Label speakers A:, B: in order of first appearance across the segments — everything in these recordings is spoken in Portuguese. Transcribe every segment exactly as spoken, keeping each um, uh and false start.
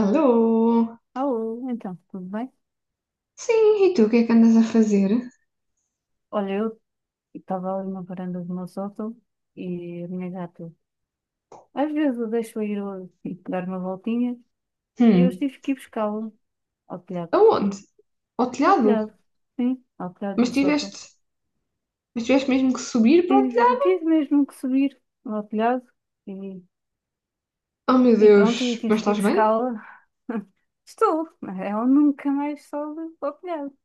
A: Alô?
B: Alô, então, tudo bem?
A: Sim, e tu, o que é que andas a fazer?
B: Olha, eu estava ali na varanda do meu sótão e a minha gata. Às vezes eu deixo ir ao- e dar uma voltinha e eu
A: Hum,
B: tive que ir buscá-la ao telhado.
A: aonde? Ao
B: Ao
A: telhado?
B: telhado, sim, ao telhado
A: Mas
B: do sótão.
A: tiveste, mas tiveste mesmo que subir para o
B: Tive,
A: telhado?
B: tive mesmo que subir ao telhado e,
A: Oh meu
B: e pronto,
A: Deus,
B: e
A: mas
B: tive que ir
A: estás bem?
B: buscá-la. Estou, ela nunca mais sobe ao telhado.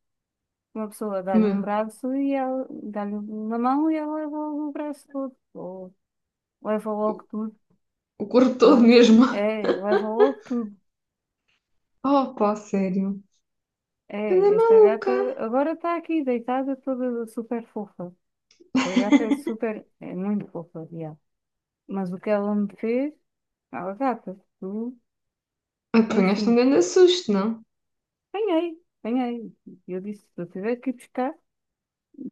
B: Uma pessoa dá-lhe um
A: Me,
B: braço e ela dá-lhe uma mão e ela leva logo o braço todo, ou leva logo tudo.
A: o corpo todo
B: Pronto,
A: mesmo.
B: é, levou tudo.
A: Oh pá, sério. Anda
B: É, esta gata
A: maluca.
B: agora está aqui deitada toda super fofa. A gata é super, é muito fofa, já. Mas o que ela me fez, ela gata, tu,
A: Apanhaste um
B: enfim,
A: grande susto, não?
B: apanhei, apanhei. E eu disse, se eu tiver que ir buscar,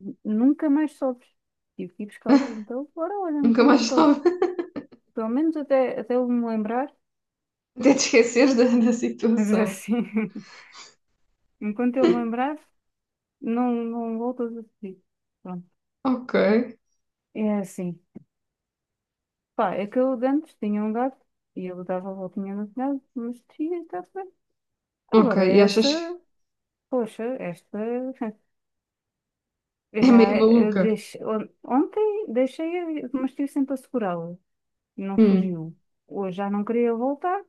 B: n- nunca mais sobes. Tive que ir buscar, então, agora olha,
A: Nunca
B: nunca
A: mais
B: mais soube.
A: estava.
B: Pelo menos até, até eu me lembrar,
A: Até te esqueceres da, da
B: mas
A: situação.
B: assim, enquanto eu me lembrar, não, não voltas a pedir. Pronto,
A: Ok,
B: é assim. Pá, é que eu de antes tinha um gato e ele dava a voltinha no telhado, mas tinha, está bem.
A: ok,
B: Agora
A: e
B: esta,
A: achas
B: poxa, esta, eu
A: é meio
B: já, eu
A: maluca?
B: deixei, on- ontem deixei, mas estive sempre a segurá-la, não
A: Hum,
B: fugiu. Hoje já não queria voltar,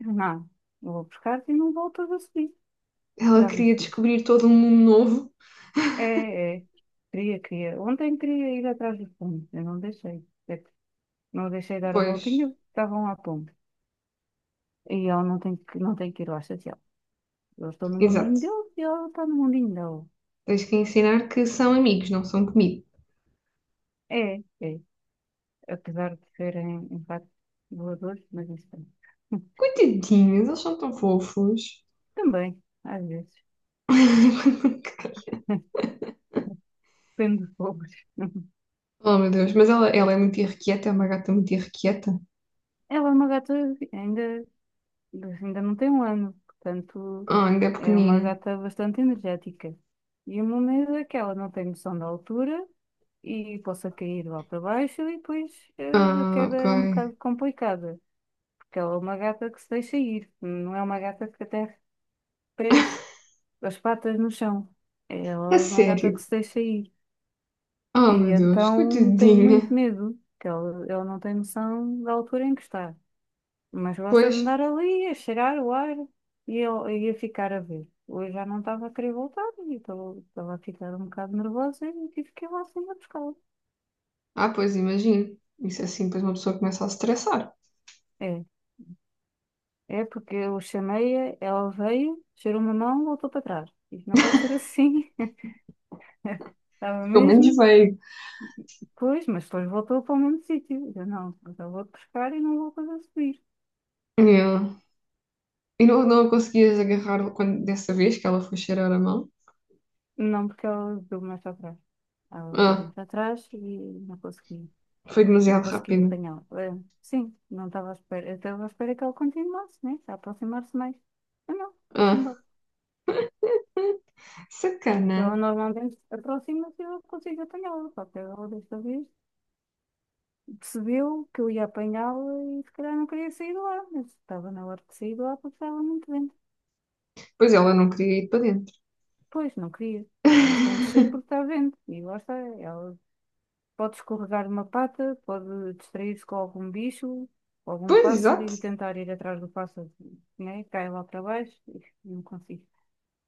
B: não, vou buscar-te e não voltas a subir,
A: ela
B: já
A: queria
B: viste isto.
A: descobrir todo um mundo novo?
B: É, é, queria, queria, ontem queria ir atrás do pombo, eu não deixei. É que não deixei dar a
A: Pois,
B: voltinha, estavam à pombo. E ela não tem que, não tem que ir lá chateá-la. Eles estão no mundinho
A: exato.
B: deles e ela está no mundinho dela.
A: Tens que ensinar que são amigos, não são comida.
B: É, é, apesar de serem, em facto, voadores, mas isso também.
A: Coitadinhos, eles são tão fofos.
B: Também, às vezes. Depende dos povos.
A: Oh, meu Deus, mas ela, ela é muito irrequieta, é uma gata muito irrequieta.
B: Ela é uma gata, ainda, ainda não tem um ano, portanto,
A: Ah, ainda é
B: é uma
A: pequenina.
B: gata bastante energética. E o meu medo é que ela não tem noção da altura e possa cair lá para baixo e depois eh, a
A: Ah,
B: queda
A: ok.
B: é um bocado complicada, porque ela é uma gata que se deixa ir, não é uma gata que até as patas no chão.
A: A
B: Ela é uma gata
A: sério?
B: que se deixa ir.
A: Oh,
B: E
A: meu Deus,
B: então tem muito
A: coitadinha.
B: medo, que ela, ela não tem noção da altura em que está. Mas gosta
A: Pois,
B: de andar ali, a cheirar o ar e eu e a ficar a ver. Hoje já não estava a querer voltar e estava estava a ficar um bocado nervosa e tive que ir lá assim a buscá-la.
A: ah, pois, imagino. Isso é assim, depois uma pessoa começa a se estressar.
B: É, é porque eu chamei-a, ela veio, cheirou uma mão, voltou para trás. Isto não pode ser assim. Estava
A: Pelo menos
B: mesmo.
A: veio.
B: Pois, mas depois voltou para o mesmo sítio. Eu não, mas eu vou-te pescar e não vou fazer subir.
A: Yeah. E não, não a conseguias agarrar quando, dessa vez que ela foi cheirar a mão?
B: Não, porque ela deu mais atrás. Ela deu
A: Ah,
B: mais atrás e não consegui,
A: foi
B: não
A: demasiado
B: consegui
A: rápido.
B: apanhá-la. Eh, Sim, não estava à espera. Eu estava à espera que ela continuasse, né? A aproximar-se mais. Eu não, estou-se
A: Ah,
B: embora. Porque ela
A: sacana.
B: normalmente aproxima-se e eu consigo apanhá-la. Só que ela desta vez percebeu que eu ia apanhá-la e se calhar não queria sair de lá. Eu estava na hora de sair de lá porque estava muito vento.
A: Pois ela não queria ir para dentro.
B: Pois, não queria. Mas tem de ser porque está vento. E lá está. Ela pode escorregar uma pata, pode distrair-se com algum bicho, com algum
A: Pois,
B: pássaro
A: exato.
B: e tentar ir atrás do pássaro, né? Cai lá para baixo e não consigo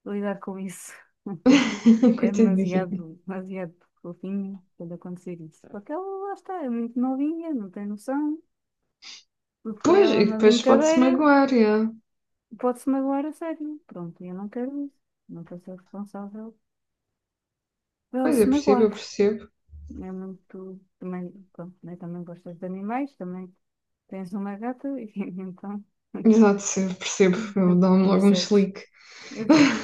B: lidar com isso. É
A: Coitadinha.
B: demasiado, demasiado fofinho quando acontecer isso. Porque ela lá está, é muito novinha, não tem noção. Tudo para
A: Pois,
B: ela é
A: e
B: uma
A: depois pode-se
B: brincadeira.
A: magoar, já.
B: Pode-se magoar a sério. Pronto, eu não quero isso. Não quero ser responsável por ela
A: Pois, eu
B: se
A: percebo, eu
B: magoar.
A: percebo.
B: É muito. Também, pronto, né? Também gostas de animais, também tens uma gata e então
A: Exato, eu percebo. Eu dou-me logo um
B: percebes.
A: chilique.
B: Exato.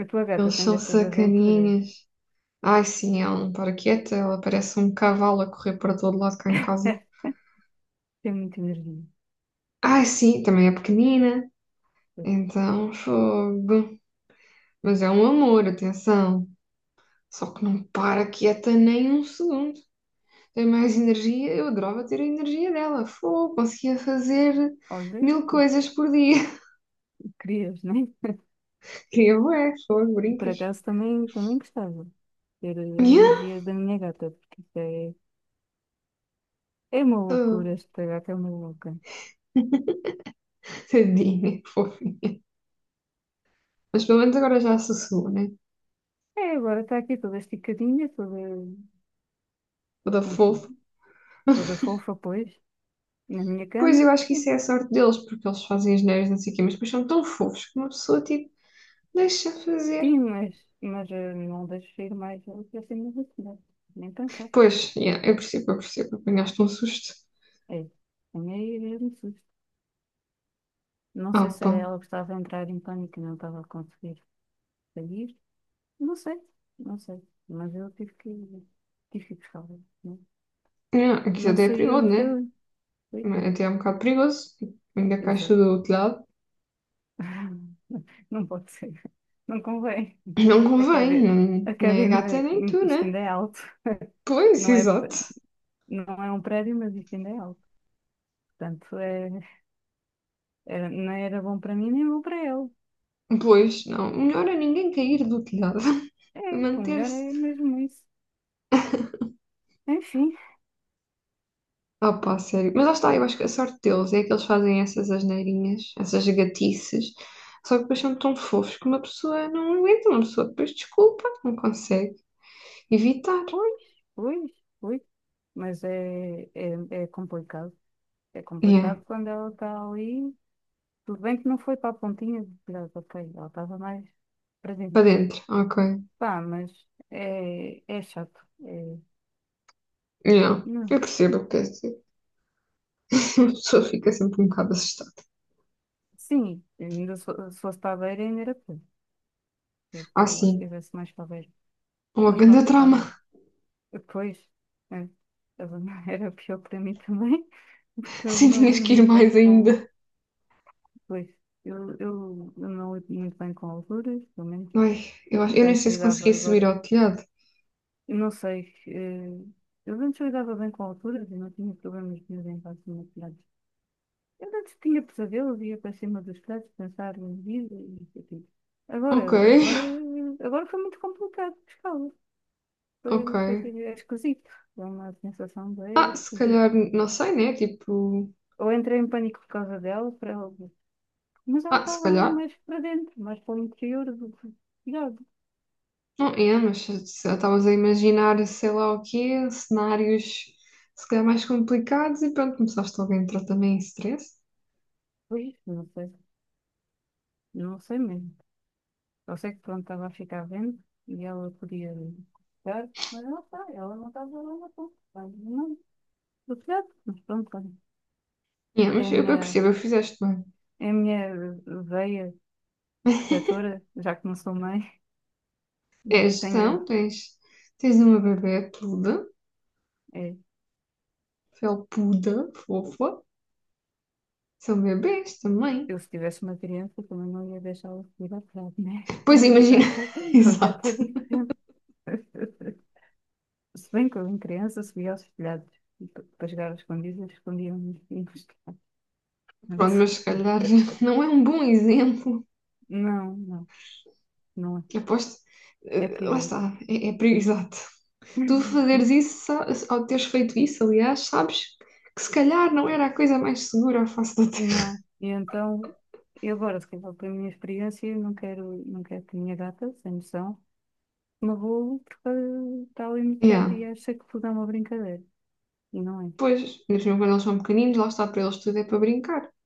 B: A tua gata
A: Eles
B: tem
A: são
B: destas aventuras,
A: sacaninhas. Ai, sim, ela não para quieta. Ela parece um cavalo a correr para todo lado cá em casa.
B: tem muita energia.
A: Ai, sim, também é pequenina. Então, fogo. Mas é um amor, atenção. Só que não para quieta nem um segundo. Tem mais energia. Eu adorava ter a energia dela. Fogo, conseguia fazer
B: Olha,
A: mil coisas por dia.
B: querias, né?
A: Queria bué, fogo,
B: E por
A: brincas.
B: acaso também, também gostava de ter a
A: Yeah.
B: energia da minha gata, porque isto é, é uma loucura,
A: Oh,
B: esta gata é uma louca.
A: tadinha, fofa. Mas pelo menos agora já sossegou, né?
B: É, agora está aqui toda esticadinha, toda,
A: Toda
B: enfim,
A: fofa.
B: toda fofa, pois, na minha
A: Pois eu
B: cama.
A: acho que isso é a sorte deles, porque eles fazem as neiras, não sei o quê, mas depois são tão fofos que uma pessoa, tipo, deixa fazer.
B: Sim, mas, mas eh, não deixo ir mais assim do que, nem pensar.
A: Pois, yeah, eu percebo, eu percebo. Apanhaste um susto.
B: É, tenho aí mesmo susto. Não
A: Ah,
B: sei se
A: pá.
B: era ela que estava a entrar em pânico e não estava a conseguir sair. Não sei, não sei. Mas eu tive que, tive que ir buscá-la. Não,
A: Yeah, aqui
B: não
A: até é perigoso,
B: saíamos
A: né?
B: dali. Ui.
A: Até é um bocado perigoso. Ainda caixa
B: Exato.
A: do telhado.
B: Não pode ser. Não convém.
A: Não
B: A
A: convém,
B: academia, a
A: não, nem a gata
B: academia,
A: nem tu,
B: isto
A: né?
B: ainda é alto.
A: Pois,
B: Não é,
A: exato.
B: não é um prédio, mas isto ainda é alto. Portanto, é, era- não era bom para mim nem bom para ele.
A: Pois, não. Melhor a ninguém cair do telhado.
B: É, o melhor
A: Manter-se.
B: é mesmo isso. Enfim,
A: Ah, pá, sério. Mas lá está, eu acho que a sorte deles é que eles fazem essas asneirinhas, essas gatices, só que depois são tão fofos que uma pessoa não aguenta, uma pessoa depois desculpa, não consegue evitar.
B: pois, pois, pois. Mas é, é, é complicado. É
A: Yeah,
B: complicado quando ela está ali. Tudo bem que não foi para a pontinha de virada, ok. Ela estava mais
A: para
B: presente.
A: dentro, ok.
B: Pá, mas é, é chato. É,
A: Yeah, eu
B: não.
A: percebo o que queres dizer. A pessoa fica sempre um bocado assustada.
B: Sim, ainda se fo- se fosse para a beira, ainda era pior. Se
A: Ah,
B: ela
A: sim,
B: estivesse mais para a beira.
A: uma
B: Mas
A: grande
B: pronto, tá.
A: trauma.
B: Depois, é, estava- era pior para mim também, porque eu
A: Sim,
B: não
A: tinhas
B: lido
A: que ir
B: muito bem
A: mais
B: com.
A: ainda.
B: Pois, eu, eu, eu não lido muito bem com alturas, pelo menos.
A: Ai, eu acho, eu
B: De
A: nem
B: antes
A: sei se
B: lidava
A: conseguia subir
B: agora.
A: ao telhado.
B: Eu não sei. eh, Eu de antes lidava bem com alturas e não tinha problemas nenhum em relação a telhados. Eu de antes tinha pesadelos, ia para cima dos telhados pensar em vida e isso e Agora,
A: Ok,
B: agora, agora foi muito complicado pescá-los.
A: ok.
B: Foi, foi, é esquisito. Dá uma sensação bem
A: Ah, se
B: esquisita.
A: calhar, não sei, né? Tipo,
B: Ou entrei em pânico por causa dela, para, mas ela
A: ah, se
B: estava ali
A: calhar,
B: mais para dentro, mais para o interior do, do.
A: não é, mas se se estavas a imaginar, sei lá o quê, cenários se calhar mais complicados e pronto, começaste logo a entrar também em stress.
B: Pois, não sei, não sei mesmo. Eu sei que pronto, estava a ficar vendo e ela podia ficar, mas não sei, ela não estava lá na ponta. Não, do telhado, mas pronto, olha.
A: É,
B: É
A: mas
B: a
A: eu, eu
B: minha,
A: percebo, eu fizeste bem.
B: é a minha veia protetora, já que não sou mãe,
A: É
B: tenho,
A: gestão, tens, tens uma bebê peluda,
B: é,
A: felpuda, fofa. São bebês também.
B: eu se tivesse uma criança também não ia deixá-la subir ao telhado, né?
A: Pois
B: O
A: imagina,
B: gato, é o
A: exato.
B: gato é diferente. Se bem que eu em criança subia aos telhados e para para jogar às escondidas, escondia-me nos telhados.
A: Pronto,
B: Portanto,
A: mas se calhar não é um bom exemplo.
B: não, não, não
A: Eu aposto.
B: é. É
A: eh, Lá
B: perigoso.
A: está, é, é pre- exato. Tu fazeres isso, sa- Ao teres feito isso, aliás, sabes que se calhar não era a coisa mais segura à face da Terra.
B: Não. E então, e agora, se calhar pela minha experiência, eu não quero, não quero, que a minha gata, sem noção, me roule porque está ali
A: Yeah.
B: metade e acha que tudo é uma brincadeira. E não é.
A: Pois, mesmo quando eles são pequeninos, lá está para eles tudo é para brincar.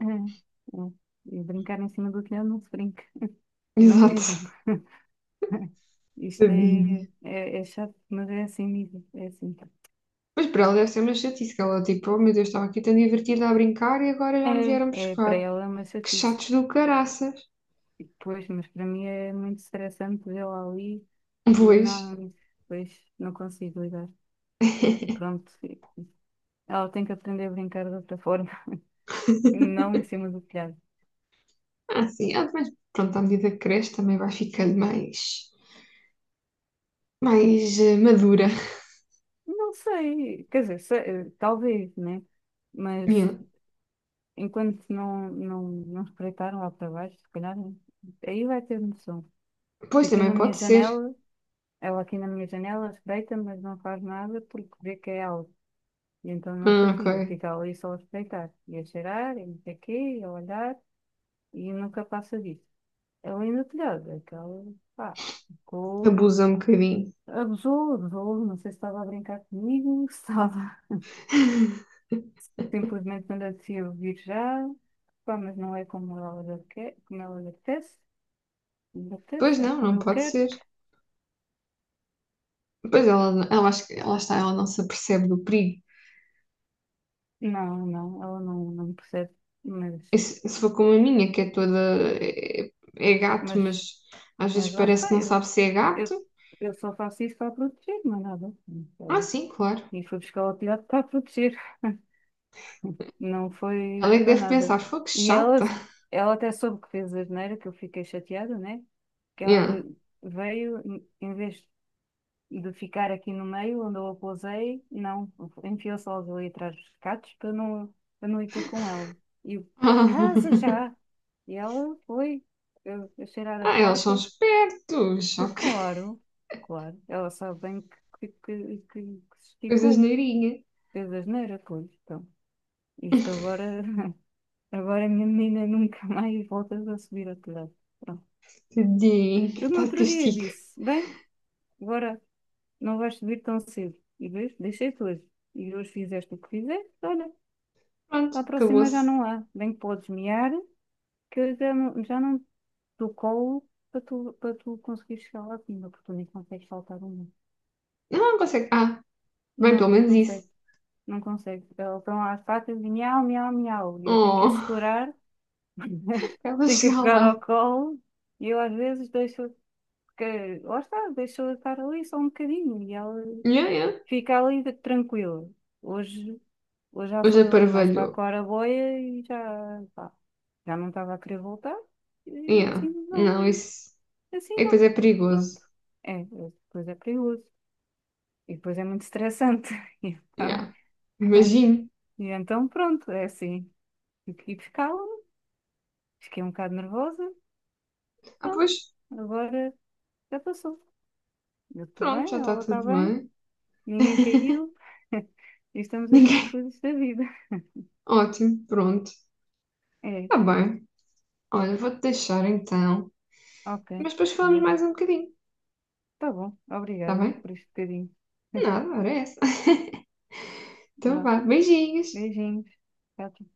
B: É, é. E brincar em cima do telhado não se brinca. E não
A: Exato.
B: mesmo. Isto
A: Tadinha.
B: é, é, é chato, mas é assim mesmo. É assim.
A: Mas para ela deve ser uma chatice, que ela tipo, oh meu Deus, estava aqui tão divertida a brincar e agora já me
B: É,
A: vieram
B: é para
A: buscar.
B: ela é uma
A: Que
B: chatice.
A: chatos do caraças.
B: E depois, mas para mim é muito estressante vê-la ali. Eu
A: Pois.
B: não, pois não consigo lidar. E pronto, ela tem que aprender a brincar de outra forma, não em cima do telhado.
A: Ah, sim, ah, mas pronto, à medida que cresce também vai ficando mais, mais eh, madura.
B: Não sei, quer dizer, se- talvez, né? Mas
A: Yeah.
B: enquanto não, não, não espreitaram lá para baixo, se calhar, aí vai ter noção. E
A: Pois
B: aqui na
A: também
B: minha
A: pode ser.
B: janela, ela aqui na minha janela espreita, mas não faz nada porque vê que é algo. E então não se
A: Ah,
B: atira,
A: ok.
B: fica ali só a espreitar, e a cheirar, e não sei o quê, e a olhar, e nunca passa disso. Ela ainda telhada, aquela, pá, ficou,
A: Abusa um bocadinho.
B: abusou, abusou, não sei se estava a brincar comigo, se estava simplesmente não descia ouvir já, pá, mas não é como ela lhe aque- como ela lhe apetece, lhe
A: Pois
B: apetece, é
A: não,
B: como
A: não
B: eu
A: pode
B: quero.
A: ser. Pois ela, ela, acho que- lá está, ela não se apercebe do perigo.
B: Não, não, ela não, não percebe, mas,
A: E se, se for como a minha, que é toda. É, É gato,
B: mas,
A: mas às vezes
B: mas lá
A: parece que
B: está,
A: não
B: eu,
A: sabe se é gato.
B: eu, eu só faço isso para proteger, mas nada.
A: Ah,
B: Olha,
A: sim, claro.
B: e fui buscar o telhado para proteger. Não foi
A: Ela é que
B: para
A: deve
B: nada.
A: pensar, foi que
B: E ela,
A: chata.
B: ela até soube que fez asneira, que eu fiquei chateada, né? Que
A: Yeah.
B: ela veio, em em vez de ficar aqui no meio, onde eu a pousei, não, enfiou-se logo ali atrás dos catos para não, para não ir ter com ela. E eu, casa já! E ela foi eu, eu cheirar a
A: Ah, eles são
B: porta,
A: espertos.
B: foi
A: Ok.
B: claro, claro. Ela sabe bem que, que, que, que, que se
A: Coisas
B: esticou,
A: neirinha.
B: fez asneira, pois. Então, isto agora agora, a minha menina, nunca mais voltas a subir ao telhado. Pronto.
A: Tadinho,
B: Eu no
A: está de
B: outro dia
A: castigo.
B: disse, bem, agora não vais subir tão cedo. E vês, deixei-te hoje. E hoje fizeste o que fizeste, olha,
A: Pronto,
B: para a próxima já
A: acabou-se.
B: não há. Bem que podes mear, que eu já não, já não te dou colo para tu, para tu conseguires chegar lá acima, porque tu nem consegues saltar uma.
A: Não, não consegue. Ah, bem,
B: Não,
A: pelo
B: não
A: menos isso.
B: consegue. Não consegue. Elas estão lá às patas e miau, miau, miau. E eu tenho que a
A: Oh,
B: segurar,
A: pra ela
B: tenho que a
A: chegar
B: pegar
A: lá.
B: ao colo. E eu às vezes deixo que lá está, deixou de estar ali só um bocadinho e ela
A: Yeah, yeah.
B: fica ali de- tranquila. Hoje, hoje já
A: Hoje
B: foi ali mais para a
A: aparvalhou.
B: claraboia e já, pá, já não estava a querer voltar. E
A: Yeah.
B: assim
A: Não,
B: não,
A: isso.
B: assim
A: E depois
B: não.
A: é perigoso.
B: Pronto. É, é- depois é perigoso. E depois é muito estressante. E Então,
A: Yeah. Imagino.
B: e então pronto, é assim. E e ficava, fiquei um bocado nervosa.
A: Ah,
B: Pronto,
A: pois,
B: agora já passou. Eu estou
A: pronto,
B: bem,
A: já está
B: ela está
A: tudo
B: bem,
A: bem.
B: ninguém caiu. Estamos aqui
A: Ninguém.
B: felizes da vida.
A: Ótimo, pronto.
B: É,
A: Está bem. Olha, vou-te deixar então.
B: ok.
A: Mas depois falamos
B: Olha,
A: mais um bocadinho.
B: tá bom.
A: Está
B: Obrigada
A: bem?
B: por este bocadinho.
A: Nada, era essa. Então
B: Vá,
A: vá, beijinhos.
B: beijinhos. Tchau, tchau.